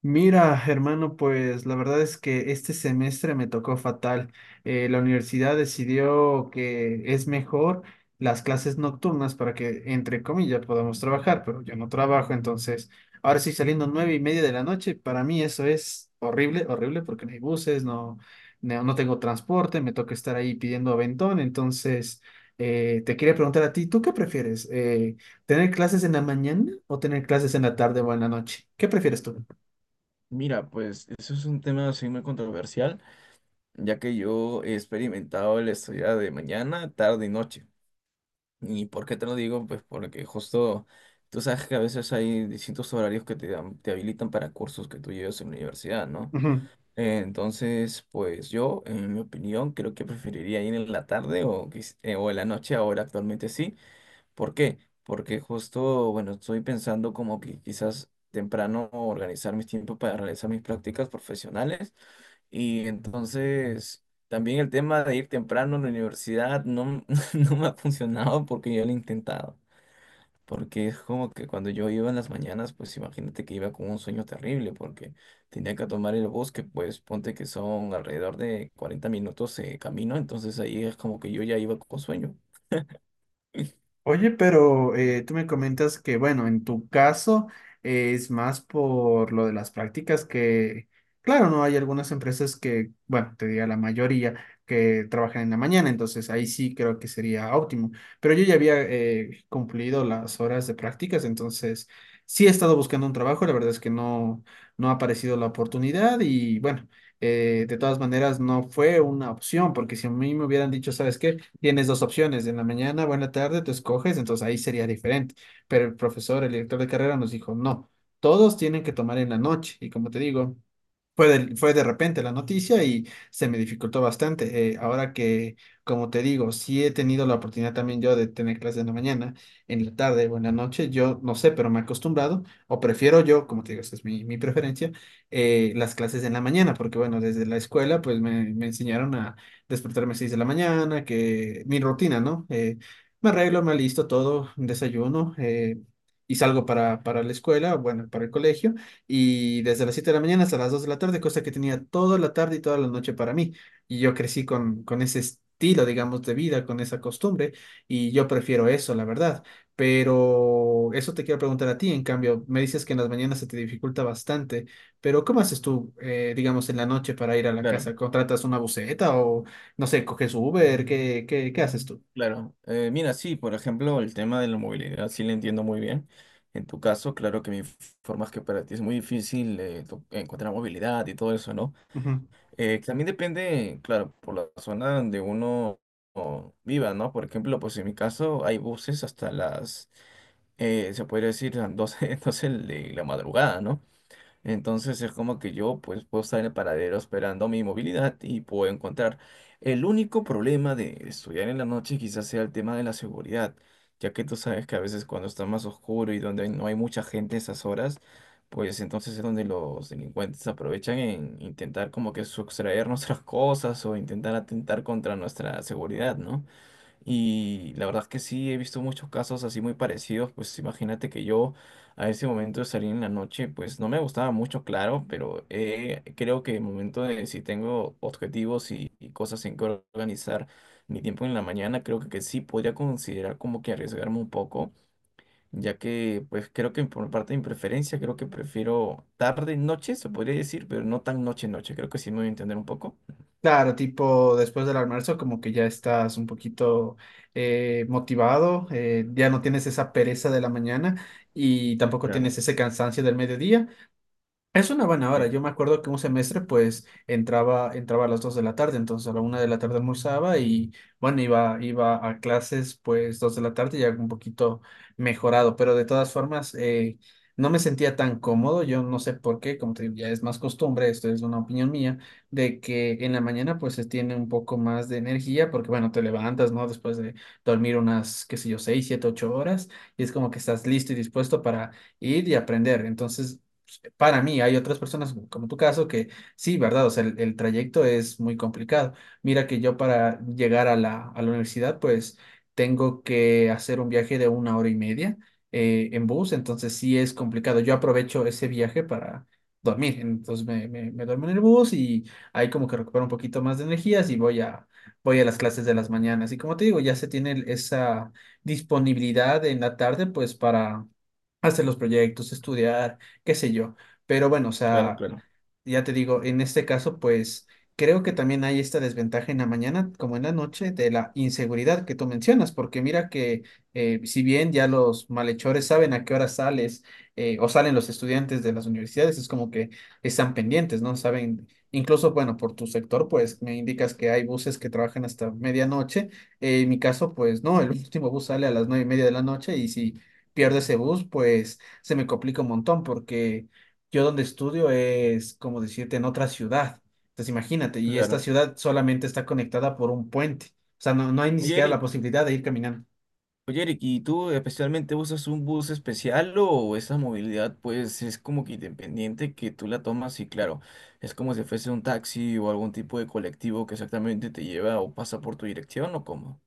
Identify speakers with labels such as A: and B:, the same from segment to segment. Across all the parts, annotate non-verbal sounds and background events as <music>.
A: Mira, hermano, pues la verdad es que este semestre me tocó fatal. La universidad decidió que es mejor las clases nocturnas para que, entre comillas, podamos trabajar, pero yo no trabajo, entonces ahora sí saliendo nueve y media de la noche, para mí eso es horrible, horrible, porque no hay buses, no, no tengo transporte, me toca estar ahí pidiendo aventón, entonces te quería preguntar a ti, ¿tú qué prefieres? ¿Tener clases en la mañana o tener clases en la tarde o en la noche? ¿Qué prefieres tú?
B: Mira, pues eso es un tema así muy controversial, ya que yo he experimentado el estudiar de mañana, tarde y noche. ¿Y por qué te lo digo? Pues porque justo tú sabes que a veces hay distintos horarios que te habilitan para cursos que tú llevas en la universidad, ¿no?
A: Ujú.
B: Entonces, pues yo, en mi opinión, creo que preferiría ir en la tarde o, o en la noche ahora actualmente sí. ¿Por qué? Porque justo, bueno, estoy pensando como que quizás temprano organizar mis tiempos para realizar mis prácticas profesionales y entonces también el tema de ir temprano a la universidad no, <laughs> no me ha funcionado porque yo lo he intentado. Porque es como que cuando yo iba en las mañanas, pues imagínate que iba con un sueño terrible porque tenía que tomar el bus, que pues ponte que son alrededor de 40 minutos de camino, entonces ahí es como que yo ya iba con sueño.
A: Oye, pero tú me comentas que, bueno, en tu caso es más por lo de las prácticas que, claro, no hay algunas empresas que, bueno, te diría la mayoría que trabajan en la mañana, entonces ahí sí creo que sería óptimo. Pero yo ya había cumplido las horas de prácticas, entonces sí he estado buscando un trabajo, la verdad es que no, no ha aparecido la oportunidad y, bueno, de todas maneras no fue una opción, porque si a mí me hubieran dicho, ¿sabes qué? Tienes dos opciones, en la mañana o en la tarde, tú escoges, entonces ahí sería diferente. Pero el profesor, el director de carrera nos dijo, no, todos tienen que tomar en la noche. Y como te digo, fue de repente la noticia y se me dificultó bastante. Ahora que, como te digo, sí he tenido la oportunidad también yo de tener clases en la mañana, en la tarde o en la noche, yo no sé, pero me he acostumbrado o prefiero yo, como te digo, esa es mi preferencia, las clases en la mañana, porque bueno, desde la escuela pues me enseñaron a despertarme a 6 de la mañana, que mi rutina, ¿no? Me arreglo, me alisto todo, desayuno y salgo para la escuela, bueno, para el colegio. Y desde las 7 de la mañana hasta las 2 de la tarde, cosa que tenía toda la tarde y toda la noche para mí. Y yo crecí con ese estilo, digamos, de vida, con esa costumbre, y yo prefiero eso, la verdad. Pero eso te quiero preguntar a ti, en cambio, me dices que en las mañanas se te dificulta bastante, pero ¿cómo haces tú, digamos, en la noche para ir a la casa?
B: Claro,
A: ¿Contratas una buseta o, no sé, coges Uber? Qué haces tú?
B: claro. Mira, sí, por ejemplo, el tema de la movilidad sí lo entiendo muy bien. En tu caso, claro que mi forma que para ti es muy difícil encontrar movilidad y todo eso, ¿no?
A: Ujú.
B: También depende, claro, por la zona donde viva, ¿no? Por ejemplo, pues en mi caso hay buses hasta las, se podría decir, las 12 <laughs> 12 de la madrugada, ¿no? Entonces es como que yo pues puedo estar en el paradero esperando mi movilidad y puedo encontrar. El único problema de estudiar en la noche quizás sea el tema de la seguridad, ya que tú sabes que a veces cuando está más oscuro y donde no hay mucha gente a esas horas, pues entonces es donde los delincuentes aprovechan en intentar como que sustraer nuestras <laughs> cosas o intentar atentar contra nuestra seguridad, ¿no? Y la verdad es que sí, he visto muchos casos así muy parecidos. Pues imagínate que yo a ese momento de salir en la noche, pues no me gustaba mucho, claro, pero creo que el momento de si tengo objetivos y cosas en que organizar mi tiempo en la mañana, creo que sí podría considerar como que arriesgarme un poco, ya que pues creo que por parte de mi preferencia, creo que prefiero tarde, noche, se podría decir, pero no tan noche, noche. Creo que sí me voy a entender un poco.
A: Claro, tipo después del almuerzo como que ya estás un poquito motivado, ya no tienes esa pereza de la mañana y tampoco tienes
B: Claro,
A: ese cansancio del mediodía, es una buena hora.
B: sí,
A: Yo me acuerdo que un semestre pues entraba a las 2 de la tarde, entonces a la 1 de la tarde almorzaba y bueno, iba a clases pues 2 de la tarde ya un poquito mejorado, pero de todas formas no me sentía tan cómodo. Yo no sé por qué, como te digo, ya es más costumbre, esto es una opinión mía, de que en la mañana pues se tiene un poco más de energía porque bueno, te levantas, ¿no? Después de dormir unas, qué sé yo, 6 7 8 horas y es como que estás listo y dispuesto para ir y aprender. Entonces para mí, hay otras personas como tu caso que sí, ¿verdad? O sea, el trayecto es muy complicado. Mira que yo para llegar a a la universidad, pues tengo que hacer un viaje de una hora y media en bus, entonces sí es complicado. Yo aprovecho ese viaje para dormir, entonces me duermo en el bus y ahí como que recupero un poquito más de energías y voy a, voy a las clases de las mañanas. Y como te digo, ya se tiene esa disponibilidad en la tarde, pues para hacer los proyectos, estudiar qué sé yo. Pero bueno, o
B: claro,
A: sea,
B: claro,
A: ya te digo, en este caso, pues creo que también hay esta desventaja en la mañana como en la noche de la inseguridad que tú mencionas, porque mira que si bien ya los malhechores saben a qué hora sales o salen los estudiantes de las universidades, es como que están pendientes, ¿no? Saben, incluso, bueno, por tu sector, pues me indicas que hay buses que trabajan hasta medianoche. En mi caso, pues no, el último bus sale a las nueve y media de la noche y si pierdo ese bus, pues se me complica un montón porque yo donde estudio es, como decirte, en otra ciudad. Entonces imagínate, y esta
B: claro.
A: ciudad solamente está conectada por un puente. O sea, no, no hay ni
B: Oye,
A: siquiera
B: Eric.
A: la posibilidad de ir caminando.
B: Oye, Eric, ¿y tú especialmente usas un bus especial o esa movilidad pues es como que independiente que tú la tomas y claro, es como si fuese un taxi o algún tipo de colectivo que exactamente te lleva o pasa por tu dirección o cómo?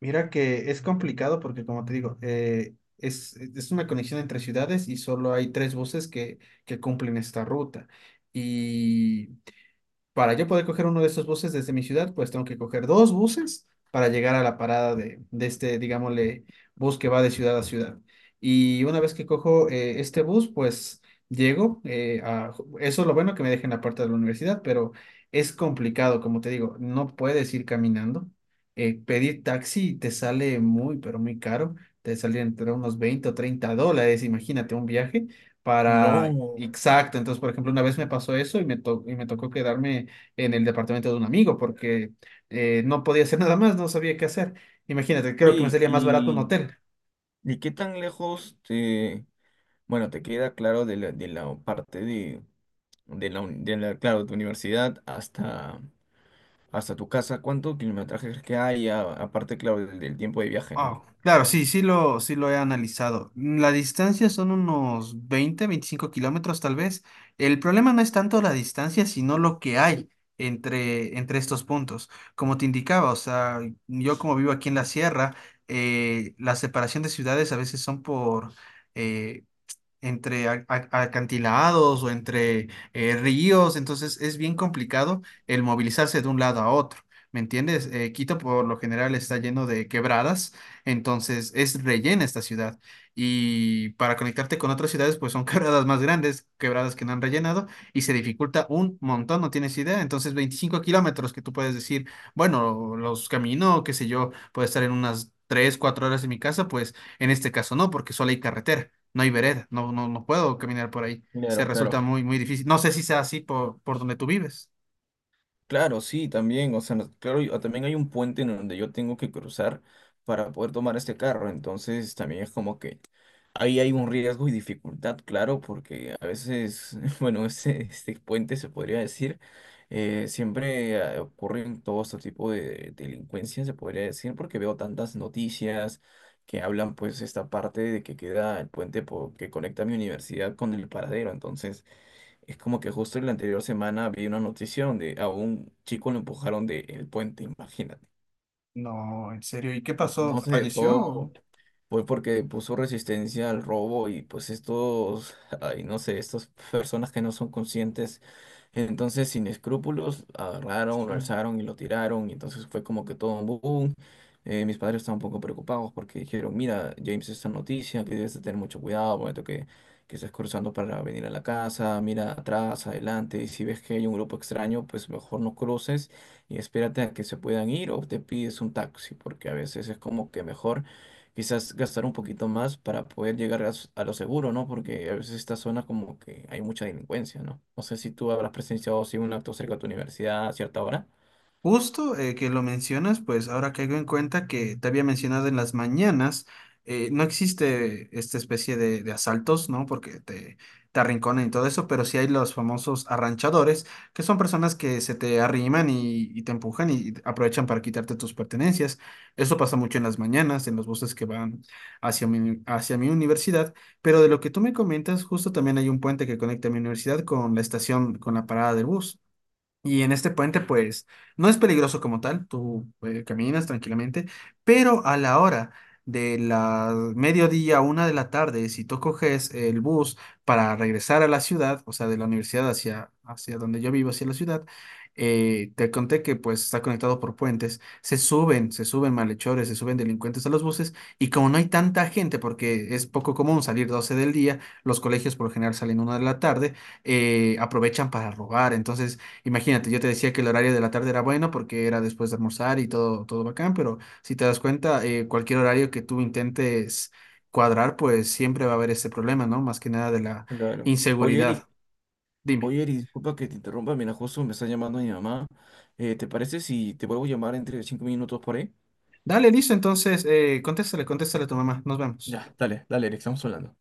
A: Mira que es complicado porque, como te digo, es una conexión entre ciudades y solo hay tres buses que cumplen esta ruta. Y para yo poder coger uno de esos buses desde mi ciudad, pues tengo que coger dos buses para llegar a la parada de este, digámosle, bus que va de ciudad a ciudad. Y una vez que cojo este bus, pues llego a... Eso es lo bueno que me deja en la puerta de la universidad, pero es complicado, como te digo, no puedes ir caminando. Pedir taxi te sale muy, pero muy caro. Te sale entre unos $20 o $30, imagínate un viaje para...
B: No.
A: Exacto, entonces, por ejemplo, una vez me pasó eso y me tocó quedarme en el departamento de un amigo porque no podía hacer <laughs> nada más, no sabía qué hacer. Imagínate, creo que me
B: Oye,
A: salía más barato un
B: ¿y,
A: hotel.
B: y qué tan lejos te, bueno, te queda claro de la parte de la, claro, de tu universidad hasta, tu casa? ¿Cuánto kilometraje crees que hay? Aparte, claro, del tiempo de viaje, ¿no?
A: Oh, claro, sí, sí lo he analizado. La distancia son unos 20, 25 kilómetros tal vez. El problema no es tanto la distancia, sino lo que hay entre estos puntos. Como te indicaba, o sea, yo como vivo aquí en la sierra, la separación de ciudades a veces son eh, entre acantilados o entre ríos, entonces es bien complicado el movilizarse de un lado a otro. ¿Me entiendes? Quito por lo general está lleno de quebradas, entonces es rellena esta ciudad. Y para conectarte con otras ciudades, pues son <laughs> quebradas más grandes, quebradas que no han rellenado, y se dificulta un montón, no tienes idea. Entonces 25 kilómetros que tú puedes decir, bueno, los camino, qué sé yo, puedo estar en unas 3 4 horas en mi casa, pues en este caso no, porque solo hay carretera, no hay vereda, no puedo caminar por ahí. Se
B: Claro, claro.
A: resulta muy, muy difícil. No sé si sea así por donde tú vives.
B: Claro, sí, también, o sea, claro, también hay un puente en donde yo tengo que cruzar para poder tomar este carro, entonces también es como que ahí hay un riesgo y dificultad, claro, porque a veces, <laughs> bueno, este puente se podría decir, siempre ocurren todo este tipo de delincuencia, se podría decir, porque veo tantas noticias que hablan pues esta parte de que queda el puente que conecta mi universidad con el paradero, entonces... Es como que justo en la anterior semana vi una noticia donde a un chico lo empujaron del puente, imagínate.
A: No, en serio. ¿Y qué pasó?
B: No se dejó,
A: ¿Falleció?
B: fue porque puso resistencia al robo y pues ay, no sé, estas personas que no son conscientes, entonces sin escrúpulos, agarraron, lo
A: Sí.
B: alzaron y lo tiraron y entonces fue como que todo un boom. Mis padres estaban un poco preocupados porque dijeron, mira, James, esta noticia, que debes de tener mucho cuidado, momento que, estás cruzando para venir a la casa, mira atrás, adelante, y si ves que hay un grupo extraño, pues mejor no cruces y espérate a que se puedan ir o te pides un taxi, porque a veces es como que mejor quizás gastar un poquito más para poder llegar a lo seguro, ¿no? Porque a veces esta zona como que hay mucha delincuencia, ¿no? No sé si tú habrás presenciado así un acto cerca de tu universidad a cierta hora.
A: Justo que lo mencionas, pues ahora caigo en cuenta que te había mencionado en las mañanas, no existe esta especie de asaltos, ¿no? Porque te arrinconan y todo eso, pero sí hay los famosos arranchadores, que son personas que se te arriman y te empujan y aprovechan para quitarte tus pertenencias. Eso pasa mucho en las mañanas, en los buses que van hacia mi universidad, pero de lo que tú me comentas, justo también hay un puente que conecta mi universidad con la estación, con la parada del bus. Y en este puente, pues, no es peligroso como tal, tú caminas tranquilamente, pero a la hora de la mediodía, 1 de la tarde, si tú coges el bus para regresar a la ciudad, o sea, de la universidad hacia, hacia donde yo vivo, hacia la ciudad, te conté que pues está conectado por puentes, se suben malhechores, se suben delincuentes a los buses, y como no hay tanta gente, porque es poco común salir 12 del día, los colegios por lo general salen una de la tarde, aprovechan para robar, entonces... Imagínate, yo te decía que el horario de la tarde era bueno porque era después de almorzar y todo, todo bacán, pero si te das cuenta, cualquier horario que tú intentes cuadrar, pues siempre va a haber ese problema, ¿no? Más que nada de la
B: Claro. Oye, Eric.
A: inseguridad. Dime.
B: Oye, Eric. Disculpa que te interrumpa, mira, justo me está llamando mi mamá. ¿Te parece si te vuelvo a llamar entre 5 minutos por ahí?
A: Dale, listo, entonces, contéstale, contéstale a tu mamá. Nos vemos.
B: Ya, dale, dale, Eric, estamos hablando.